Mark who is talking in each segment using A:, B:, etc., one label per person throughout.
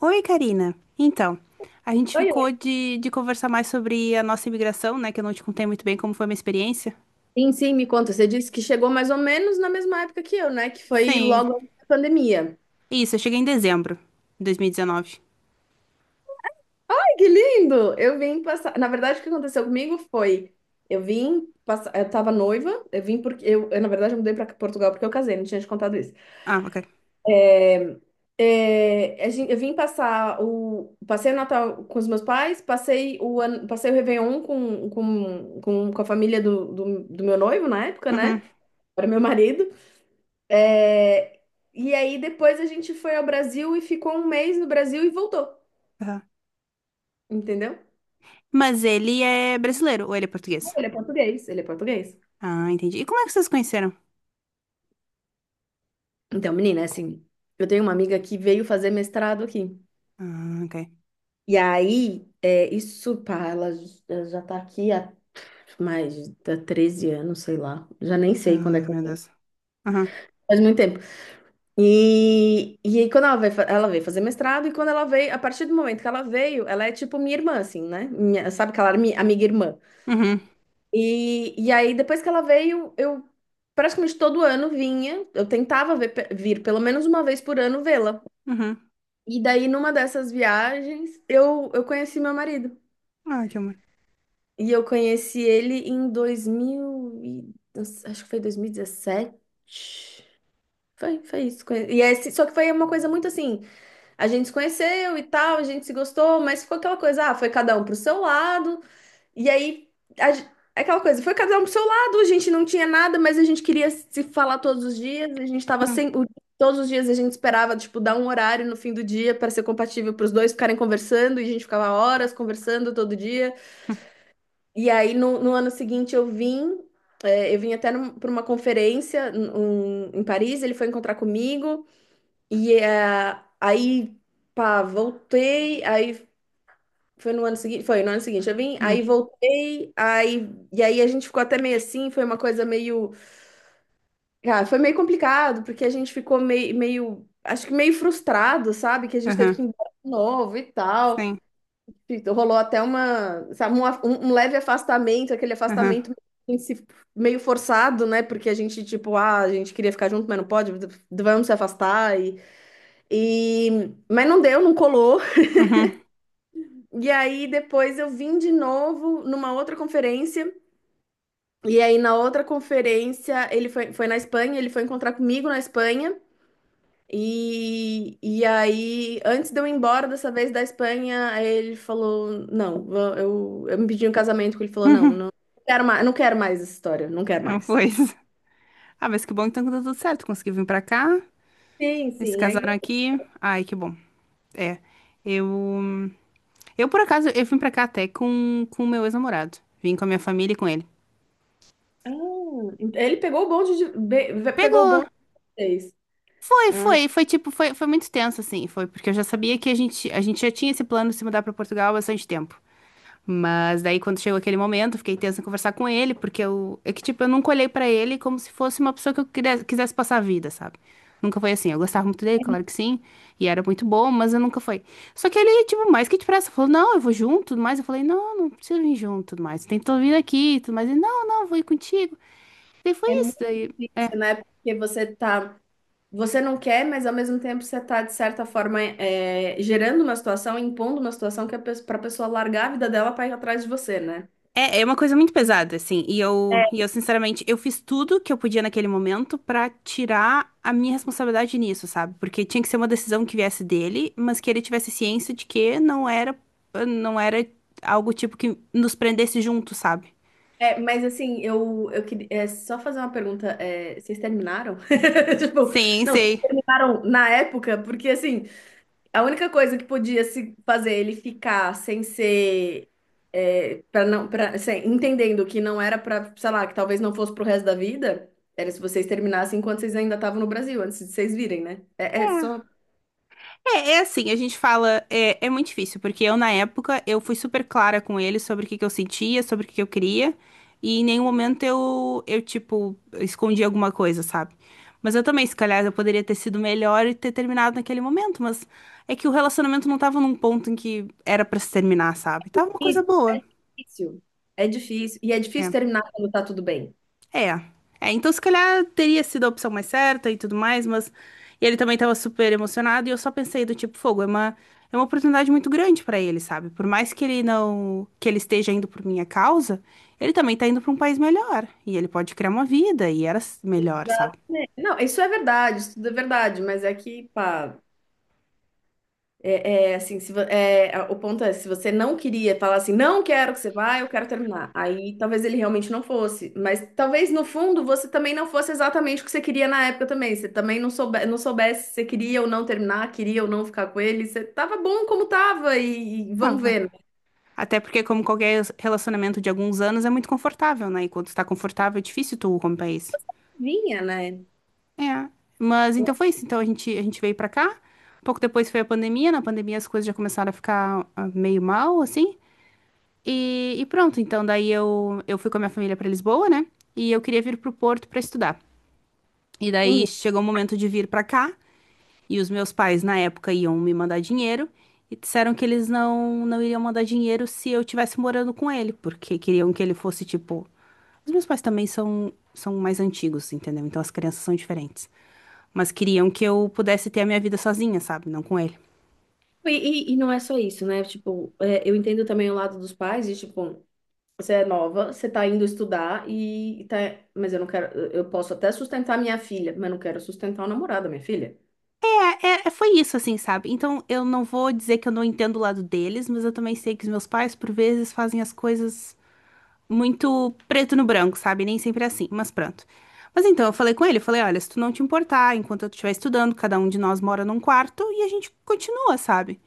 A: Oi, Karina. Então, a gente
B: Oi, oi.
A: ficou de conversar mais sobre a nossa imigração, né? Que eu não te contei muito bem como foi a minha experiência.
B: Sim, me conta. Você disse que chegou mais ou menos na mesma época que eu, né? Que foi
A: Sim.
B: logo antes da pandemia.
A: Isso, eu cheguei em dezembro de 2019.
B: Ai, que lindo! Eu vim passar. Na verdade, o que aconteceu comigo foi: eu vim passar. Eu tava noiva, eu vim porque. Na verdade, eu mudei pra Portugal porque eu casei, não tinha te contado isso.
A: Ah, ok.
B: A gente, eu vim passar o. Passei o Natal com os meus pais, passei o, ano, passei o Réveillon com a família do meu noivo na época, né?
A: Uhum.
B: Era meu marido. É, e aí depois a gente foi ao Brasil e ficou um mês no Brasil e voltou,
A: Aham.
B: entendeu?
A: Mas ele é brasileiro ou ele é português?
B: Ele é português, ele é português.
A: Ah, entendi. E como é que vocês se conheceram?
B: Então, menina, assim, eu tenho uma amiga que veio fazer mestrado aqui.
A: Ah, ok.
B: E aí, isso, pá, ela já tá aqui há mais de 13 anos, sei lá. Já nem
A: Ah,
B: sei quando é que ela
A: meu
B: veio.
A: Deus. Aham.
B: Faz muito tempo. E aí, quando ela veio, ela veio fazer mestrado, e quando ela veio, a partir do momento que ela veio, ela é tipo minha irmã, assim, né? Sabe aquela amiga irmã?
A: Uhum.
B: E aí, depois que ela veio, eu praticamente todo ano vinha. Eu tentava vir pelo menos uma vez por ano vê-la.
A: Uhum.
B: E daí, numa dessas viagens, eu conheci meu marido.
A: Ah, que amor.
B: E eu conheci ele em 2000, e- acho que foi 2017. Foi, foi isso. E é esse, só que foi uma coisa muito assim, a gente se conheceu e tal, a gente se gostou, mas ficou aquela coisa, ah, foi cada um pro seu lado. E aí, a gen- aquela coisa, foi cada um pro seu lado, a gente não tinha nada, mas a gente queria se falar todos os dias, a gente tava
A: Hum,
B: sem. O- todos os dias a gente esperava, tipo, dar um horário no fim do dia para ser compatível para os dois ficarem conversando, e a gente ficava horas conversando todo dia.
A: hum,
B: E aí, no ano seguinte, eu vim. Eu vim até para uma conferência em Paris, ele foi encontrar comigo, e aí, pá, voltei, aí foi no ano seguinte, foi no ano seguinte, eu vim,
A: hum.
B: aí voltei, aí e aí a gente ficou até meio assim, foi uma coisa meio, ah, foi meio complicado, porque a gente ficou meio, meio, acho que meio frustrado, sabe, que a gente teve
A: Aham.
B: que ir embora de novo e tal.
A: Sim.
B: E rolou até uma, sabe, um leve afastamento, aquele
A: Aham.
B: afastamento meio se- meio forçado, né? Porque a gente, tipo, ah, a gente queria ficar junto, mas não pode, vamos se afastar. E, e... Mas não deu, não colou.
A: Uhum.
B: E aí depois eu vim de novo numa outra conferência. E aí, na outra conferência, ele foi, foi na Espanha, ele foi encontrar comigo na Espanha. E aí, antes de eu ir embora dessa vez da Espanha, ele falou: Não, eu me pedi um casamento. Que ele falou: Não,
A: Uhum.
B: não quero mais, não quero mais essa história, não quero
A: Não
B: mais.
A: foi isso. Ah, mas que bom que então que deu tudo certo. Consegui vir pra cá.
B: Sim,
A: Eles se
B: sim. Aí,
A: casaram aqui. Ai, que bom. É. Eu, eu por acaso, eu vim pra cá até com o meu ex-namorado. Vim com a minha família e com ele.
B: ah, ele pegou o bonde de, pegou o
A: Pegou.
B: bonde de vocês.
A: Foi,
B: Ah,
A: foi, foi tipo, foi muito tenso assim, foi porque eu já sabia que a gente já tinha esse plano de se mudar pra Portugal há bastante tempo. Mas daí, quando chegou aquele momento, eu fiquei tensa em conversar com ele, porque eu, é que, tipo, eu nunca olhei pra ele como se fosse uma pessoa que eu quisesse passar a vida, sabe? Nunca foi assim. Eu gostava muito dele, claro que sim, e era muito bom, mas eu nunca foi. Só que ele, tipo, mais que depressa, falou: Não, eu vou junto, tudo mais. Eu falei: Não, não preciso vir junto, tudo mais. Tem que vir aqui, tudo mais. Ele: Não, não, vou ir contigo. Daí foi
B: é
A: isso.
B: muito
A: Daí.
B: difícil, né? Porque você tá. Você não quer, mas ao mesmo tempo você está, de certa forma, é, gerando uma situação, impondo uma situação que para a pessoa largar a vida dela para ir atrás de você, né?
A: É, é uma coisa muito pesada, assim, e eu, sinceramente, eu fiz tudo que eu podia naquele momento pra tirar a minha responsabilidade nisso, sabe? Porque tinha que ser uma decisão que viesse dele, mas que ele tivesse ciência de que não era algo tipo que nos prendesse junto, sabe?
B: É, mas assim, eu queria é, só fazer uma pergunta. É, vocês terminaram? Tipo,
A: Sim,
B: não, vocês
A: sei.
B: terminaram na época, porque assim. A única coisa que podia se fazer ele ficar sem ser para não para entendendo que não era para, sei lá, que talvez não fosse pro resto da vida, era se vocês terminassem enquanto vocês ainda estavam no Brasil, antes de vocês virem, né? É, é só
A: É, é assim, a gente fala, é, é muito difícil, porque eu na época eu fui super clara com ele sobre o que que eu sentia, sobre o que que eu queria, e em nenhum momento eu tipo, escondi alguma coisa, sabe? Mas eu também, se calhar, eu poderia ter sido melhor e ter terminado naquele momento, mas é que o relacionamento não tava num ponto em que era pra se terminar, sabe? Tava uma coisa
B: isso, é
A: boa.
B: difícil. É difícil. E é difícil
A: É.
B: terminar quando tá tudo bem.
A: É. É, então se calhar teria sido a opção mais certa e tudo mais, mas e ele também tava super emocionado e eu só pensei do tipo, fogo, é uma oportunidade muito grande pra ele, sabe? Por mais que ele não que ele esteja indo por minha causa, ele também tá indo pra um país melhor e ele pode criar uma vida e era s- melhor, sabe?
B: Exatamente. Não, isso é verdade, isso tudo é verdade, mas é que, pá, é, é, assim, se, vo- é, a- o ponto é, se você não queria falar assim, não quero que você vá, eu quero terminar. Aí talvez ele realmente não fosse. Mas talvez no fundo você também não fosse exatamente o que você queria na época também. Você também não soube, não soubesse se você queria ou não terminar, queria ou não ficar com ele. Você tava bom como tava e vamos
A: Tava.
B: ver, né?
A: Até porque como qualquer relacionamento de alguns anos é muito confortável, né? E quando está confortável é difícil tu romper isso.
B: Vinha, né?
A: É, mas então foi isso. Então a gente veio pra cá. Pouco depois foi a pandemia. Na pandemia as coisas já começaram a ficar meio mal, assim. E pronto, então daí eu fui com a minha família pra Lisboa, né? E eu queria vir pro Porto pra estudar. E daí
B: Uhum.
A: chegou o momento de vir pra cá. E os meus pais, na época, iam me mandar dinheiro e disseram que eles não iriam mandar dinheiro se eu estivesse morando com ele, porque queriam que ele fosse tipo. Os meus pais também são mais antigos, entendeu? Então as crianças são diferentes. Mas queriam que eu pudesse ter a minha vida sozinha, sabe? Não com ele.
B: E, e não é só isso, né? Tipo, é, eu entendo também o lado dos pais, e tipo. Você é nova, você tá indo estudar e tá. Mas eu não quero. Eu posso até sustentar minha filha, mas não quero sustentar o namorado da minha filha.
A: Foi isso, assim, sabe? Então eu não vou dizer que eu não entendo o lado deles, mas eu também sei que os meus pais, por vezes, fazem as coisas muito preto no branco, sabe? Nem sempre é assim, mas pronto. Mas então eu falei com ele, eu falei, olha, se tu não te importar, enquanto eu estiver estudando, cada um de nós mora num quarto e a gente continua, sabe?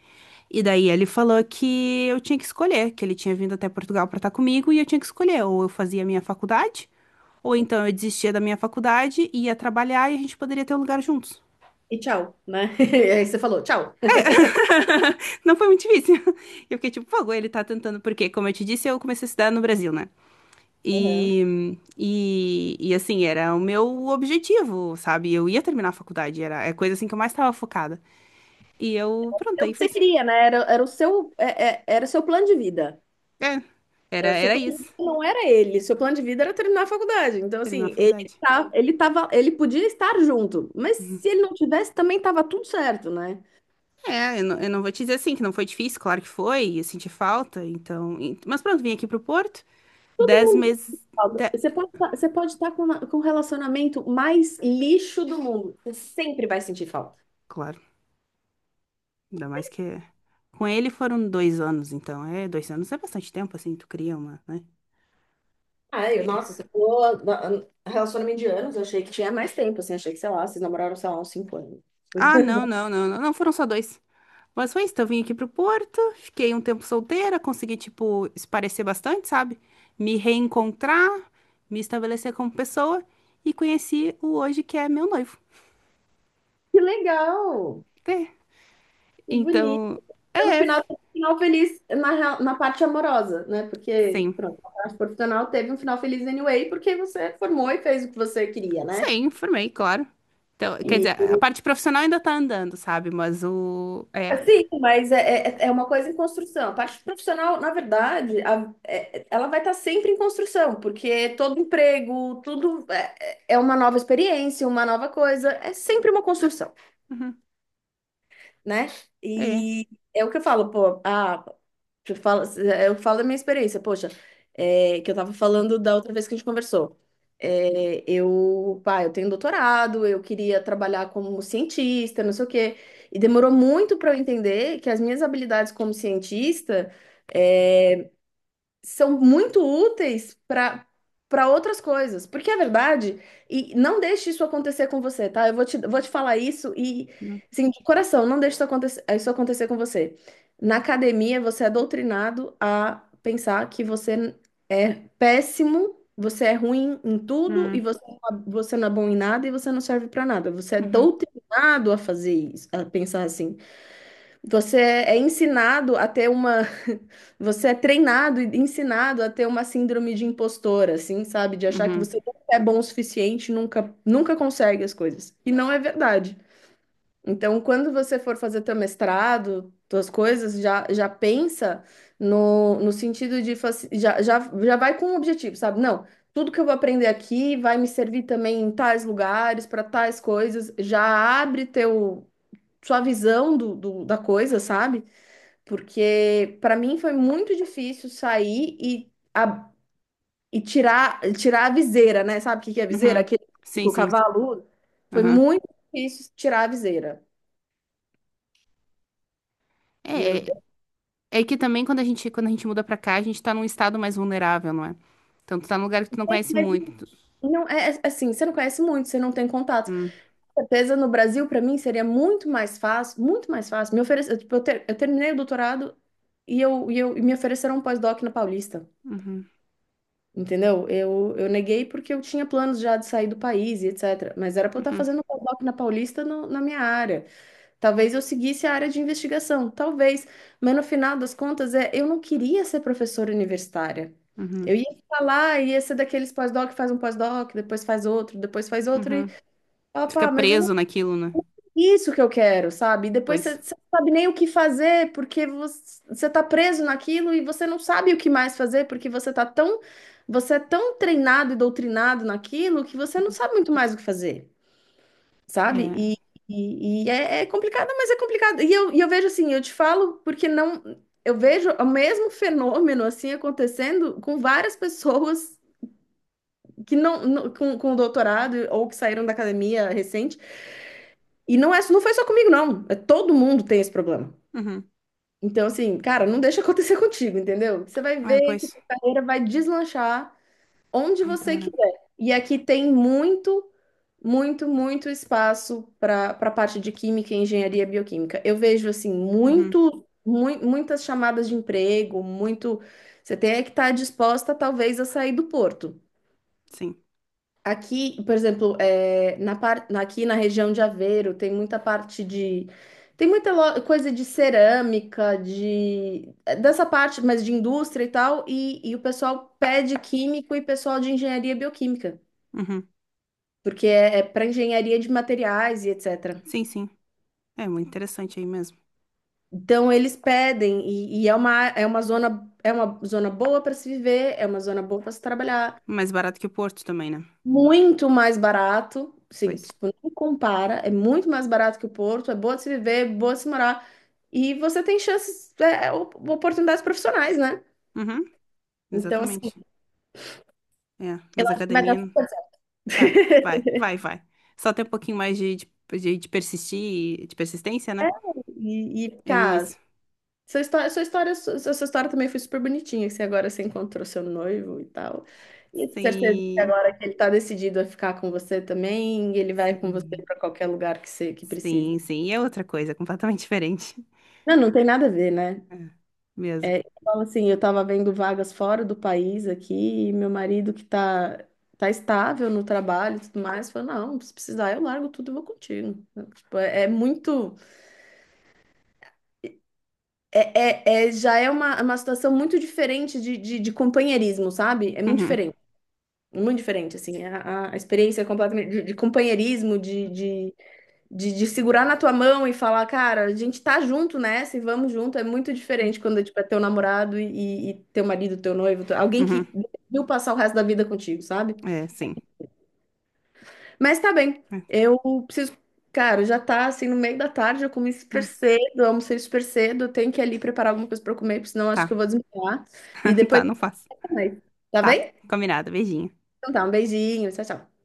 A: E daí ele falou que eu tinha que escolher, que ele tinha vindo até Portugal pra estar comigo e eu tinha que escolher, ou eu fazia a minha faculdade, ou então eu desistia da minha faculdade, ia trabalhar e a gente poderia ter um lugar juntos.
B: E tchau, né? E aí você falou, tchau.
A: Não foi muito difícil. Eu fiquei tipo, pô, ele tá tentando, porque, como eu te disse, eu comecei a estudar no Brasil, né?
B: Uhum.
A: E, assim, era o meu objetivo, sabe? Eu ia terminar a faculdade, era é coisa assim que eu mais estava focada. E eu, pronto,
B: É o
A: aí
B: que
A: foi
B: você
A: isso.
B: queria, né? Era, era o seu, era o seu plano de vida.
A: É, era,
B: É, o seu
A: era
B: plano de vida
A: isso,
B: não era ele. Seu plano de vida era terminar a faculdade. Então,
A: terminar a
B: assim, ele
A: faculdade.
B: tá, ele tava, ele podia estar junto, mas se ele não tivesse, também tava tudo certo, né?
A: É, eu não vou te dizer assim, que não foi difícil, claro que foi, eu senti falta, então... e- Mas pronto, vim aqui pro Porto, dez meses...
B: Alba,
A: de-
B: você pode, você pode estar com, com o relacionamento mais lixo do mundo. Você sempre vai sentir falta.
A: Claro, ainda mais que... é- Com ele foram dois anos, então, é, dois anos é bastante tempo, assim, tu cria uma, né?
B: Ai,
A: É.
B: nossa, você falou relacionamento de anos, eu achei que tinha mais tempo, assim, achei que, sei lá, vocês namoraram, sei lá, uns cinco anos.
A: Ah, não, não, não, não, não, foram só dois. Mas foi isso, então eu vim aqui pro Porto, fiquei um tempo solteira, consegui, tipo, esparecer bastante, sabe? Me reencontrar, me estabelecer como pessoa e conheci o hoje que é meu noivo.
B: Que legal!
A: É.
B: Que bonito!
A: Então,
B: Então, no
A: é,
B: final, teve um final feliz na, na parte amorosa, né? Porque,
A: sim.
B: pronto, a parte profissional teve um final feliz anyway, porque você formou e fez o que você queria, né?
A: Sim, formei, claro. Então, quer
B: E
A: dizer, a parte profissional ainda tá andando, sabe? Mas o... É.
B: sim, mas é uma coisa em construção. A parte profissional, na verdade, ela vai estar sempre em construção, porque todo emprego, tudo é, é uma nova experiência, uma nova coisa, é sempre uma construção,
A: Uhum,
B: né?
A: é.
B: E é o que eu falo, pô, ah, eu falo da minha experiência, poxa, é, que eu tava falando da outra vez que a gente conversou. É, eu, pá, eu tenho doutorado, eu queria trabalhar como cientista, não sei o quê, e demorou muito para eu entender que as minhas habilidades como cientista são muito úteis para outras coisas. Porque é verdade, e não deixe isso acontecer com você, tá? Vou te falar isso e,
A: Hum,
B: assim, de coração, não deixe isso acontecer com você. Na academia, você é doutrinado a pensar que você é péssimo, você é ruim em tudo
A: hum,
B: você não é bom em nada e você não serve para nada. Você é
A: Uhum,
B: doutrinado a fazer isso, a pensar assim. Você é ensinado a ter uma. Você é treinado e ensinado a ter uma síndrome de impostora, assim, sabe? De achar que
A: uhum,
B: você nunca é bom o suficiente, nunca, nunca consegue as coisas. E não é verdade. Então, quando você for fazer teu mestrado, tuas coisas, já pensa no sentido de. Já, já, já vai com um objetivo, sabe? Não, tudo que eu vou aprender aqui vai me servir também em tais lugares, para tais coisas. Já abre teu, sua visão do, da coisa, sabe? Porque para mim foi muito difícil sair e tirar, tirar a viseira, né? Sabe o que que é viseira?
A: uhum.
B: Aquele que
A: Sim,
B: o
A: sim.
B: cavalo usa. Foi
A: Uhum.
B: muito difícil tirar a viseira. E eu,
A: É, é, é que também quando a gente muda pra cá, a gente tá num estado mais vulnerável, não é? Então tu tá num lugar que tu não conhece
B: mas
A: muito.
B: não é é, assim, você não conhece muito, você não tem contato.
A: Hum,
B: Com certeza no Brasil para mim seria muito mais fácil, muito mais fácil. Me oferece, eu, tipo, eu terminei o doutorado e me ofereceram um pós-doc na Paulista.
A: uhum,
B: Entendeu? Eu neguei porque eu tinha planos já de sair do país e etc. Mas era para eu estar
A: uhum,
B: fazendo pós-doc na Paulista na minha área. Talvez eu seguisse a área de investigação, talvez. Mas no final das contas, é, eu não queria ser professora universitária.
A: uhum,
B: Eu ia ficar lá, ia ser daqueles pós-doc, faz um pós-doc, depois faz outro, depois faz outro. E,
A: uhum. Tu fica
B: opa, mas
A: preso naquilo, né?
B: isso que eu quero, sabe? E depois você
A: Pois.
B: você não sabe nem o que fazer, porque você tá preso naquilo e você não sabe o que mais fazer, porque você tá tão, você é tão treinado e doutrinado naquilo que você não
A: Uhum.
B: sabe muito mais o que fazer, sabe? E,
A: É.
B: e, e é, é complicado, mas é complicado. E eu vejo assim, eu te falo porque não, eu vejo o mesmo fenômeno assim acontecendo com várias pessoas que não, com doutorado ou que saíram da academia recente e não é, não foi só comigo, não. É, todo mundo tem esse problema.
A: Uhum.
B: Então, assim, cara, não deixa acontecer contigo, entendeu? Você vai
A: Ai,
B: ver que
A: pois.
B: tua carreira vai deslanchar onde
A: Ai,
B: você
A: Tamara.
B: quiser. E aqui tem muito, muito, muito espaço para parte de química, engenharia bioquímica. Eu vejo, assim,
A: Uhum.
B: muito, muitas chamadas de emprego, muito. Você tem é que estar disposta, talvez, a sair do porto.
A: Sim.
B: Aqui, por exemplo, é, aqui na região de Aveiro tem muita parte de. Tem muita coisa de cerâmica, de é, dessa parte, mas de indústria e tal, e o pessoal pede químico e pessoal de engenharia bioquímica,
A: Uhum.
B: porque é, é para engenharia de materiais e etc.
A: Sim, sim. É muito interessante aí mesmo.
B: Então eles pedem, e é uma zona boa para se viver, é uma zona boa para se trabalhar.
A: Mais barato que o Porto também, né?
B: Muito mais barato, sim,
A: Pois.
B: tipo, não compara, é muito mais barato que o Porto, é boa de se viver, boa de se morar, e você tem chances, é, é, oportunidades profissionais, né?
A: Uhum.
B: Então, assim,
A: Exatamente. É.
B: eu
A: Mas a
B: acho que vai dar
A: academia.
B: super certo.
A: Vai, vai, vai, vai. Só ter um pouquinho mais de persistir, de persistência,
B: É,
A: né?
B: e
A: É mesmo
B: cara,
A: isso.
B: sua história, sua história, sua história também foi super bonitinha, que você encontrou seu noivo e tal. E eu tenho certeza que
A: Sim,
B: agora que ele tá decidido a ficar com você também, ele vai com você
A: sim,
B: para qualquer lugar que você que precise.
A: sim, sim. E é outra coisa, completamente diferente.
B: Não, não tem nada a ver, né?
A: É, mesmo.
B: É, eu assim, eu estava vendo vagas fora do país aqui, e meu marido que tá, tá estável no trabalho e tudo mais, falou, não, se precisar eu largo tudo e vou contigo. Tipo, é, é muito, é, é, é- já é uma situação muito diferente de companheirismo, sabe? É
A: Uhum.
B: muito diferente, assim, a experiência é completamente de companheirismo, de segurar na tua mão e falar, cara, a gente tá junto nessa e vamos junto, é muito diferente quando tipo, é teu namorado e teu marido, teu noivo, alguém que
A: Uhum.
B: decidiu passar o resto da vida contigo, sabe?
A: É, sim.
B: Mas tá bem,
A: É.
B: eu preciso. Cara, já tá assim no meio da tarde, eu comi super
A: Hum.
B: cedo, eu almocei super cedo, eu tenho que ir ali preparar alguma coisa pra eu comer, porque senão eu
A: Tá,
B: acho que eu vou desmaiar. E depois,
A: tá,
B: a
A: não faço.
B: gente vai. Tá
A: Tá,
B: bem?
A: combinado, beijinho.
B: Então tá, um beijinho, tchau, tchau.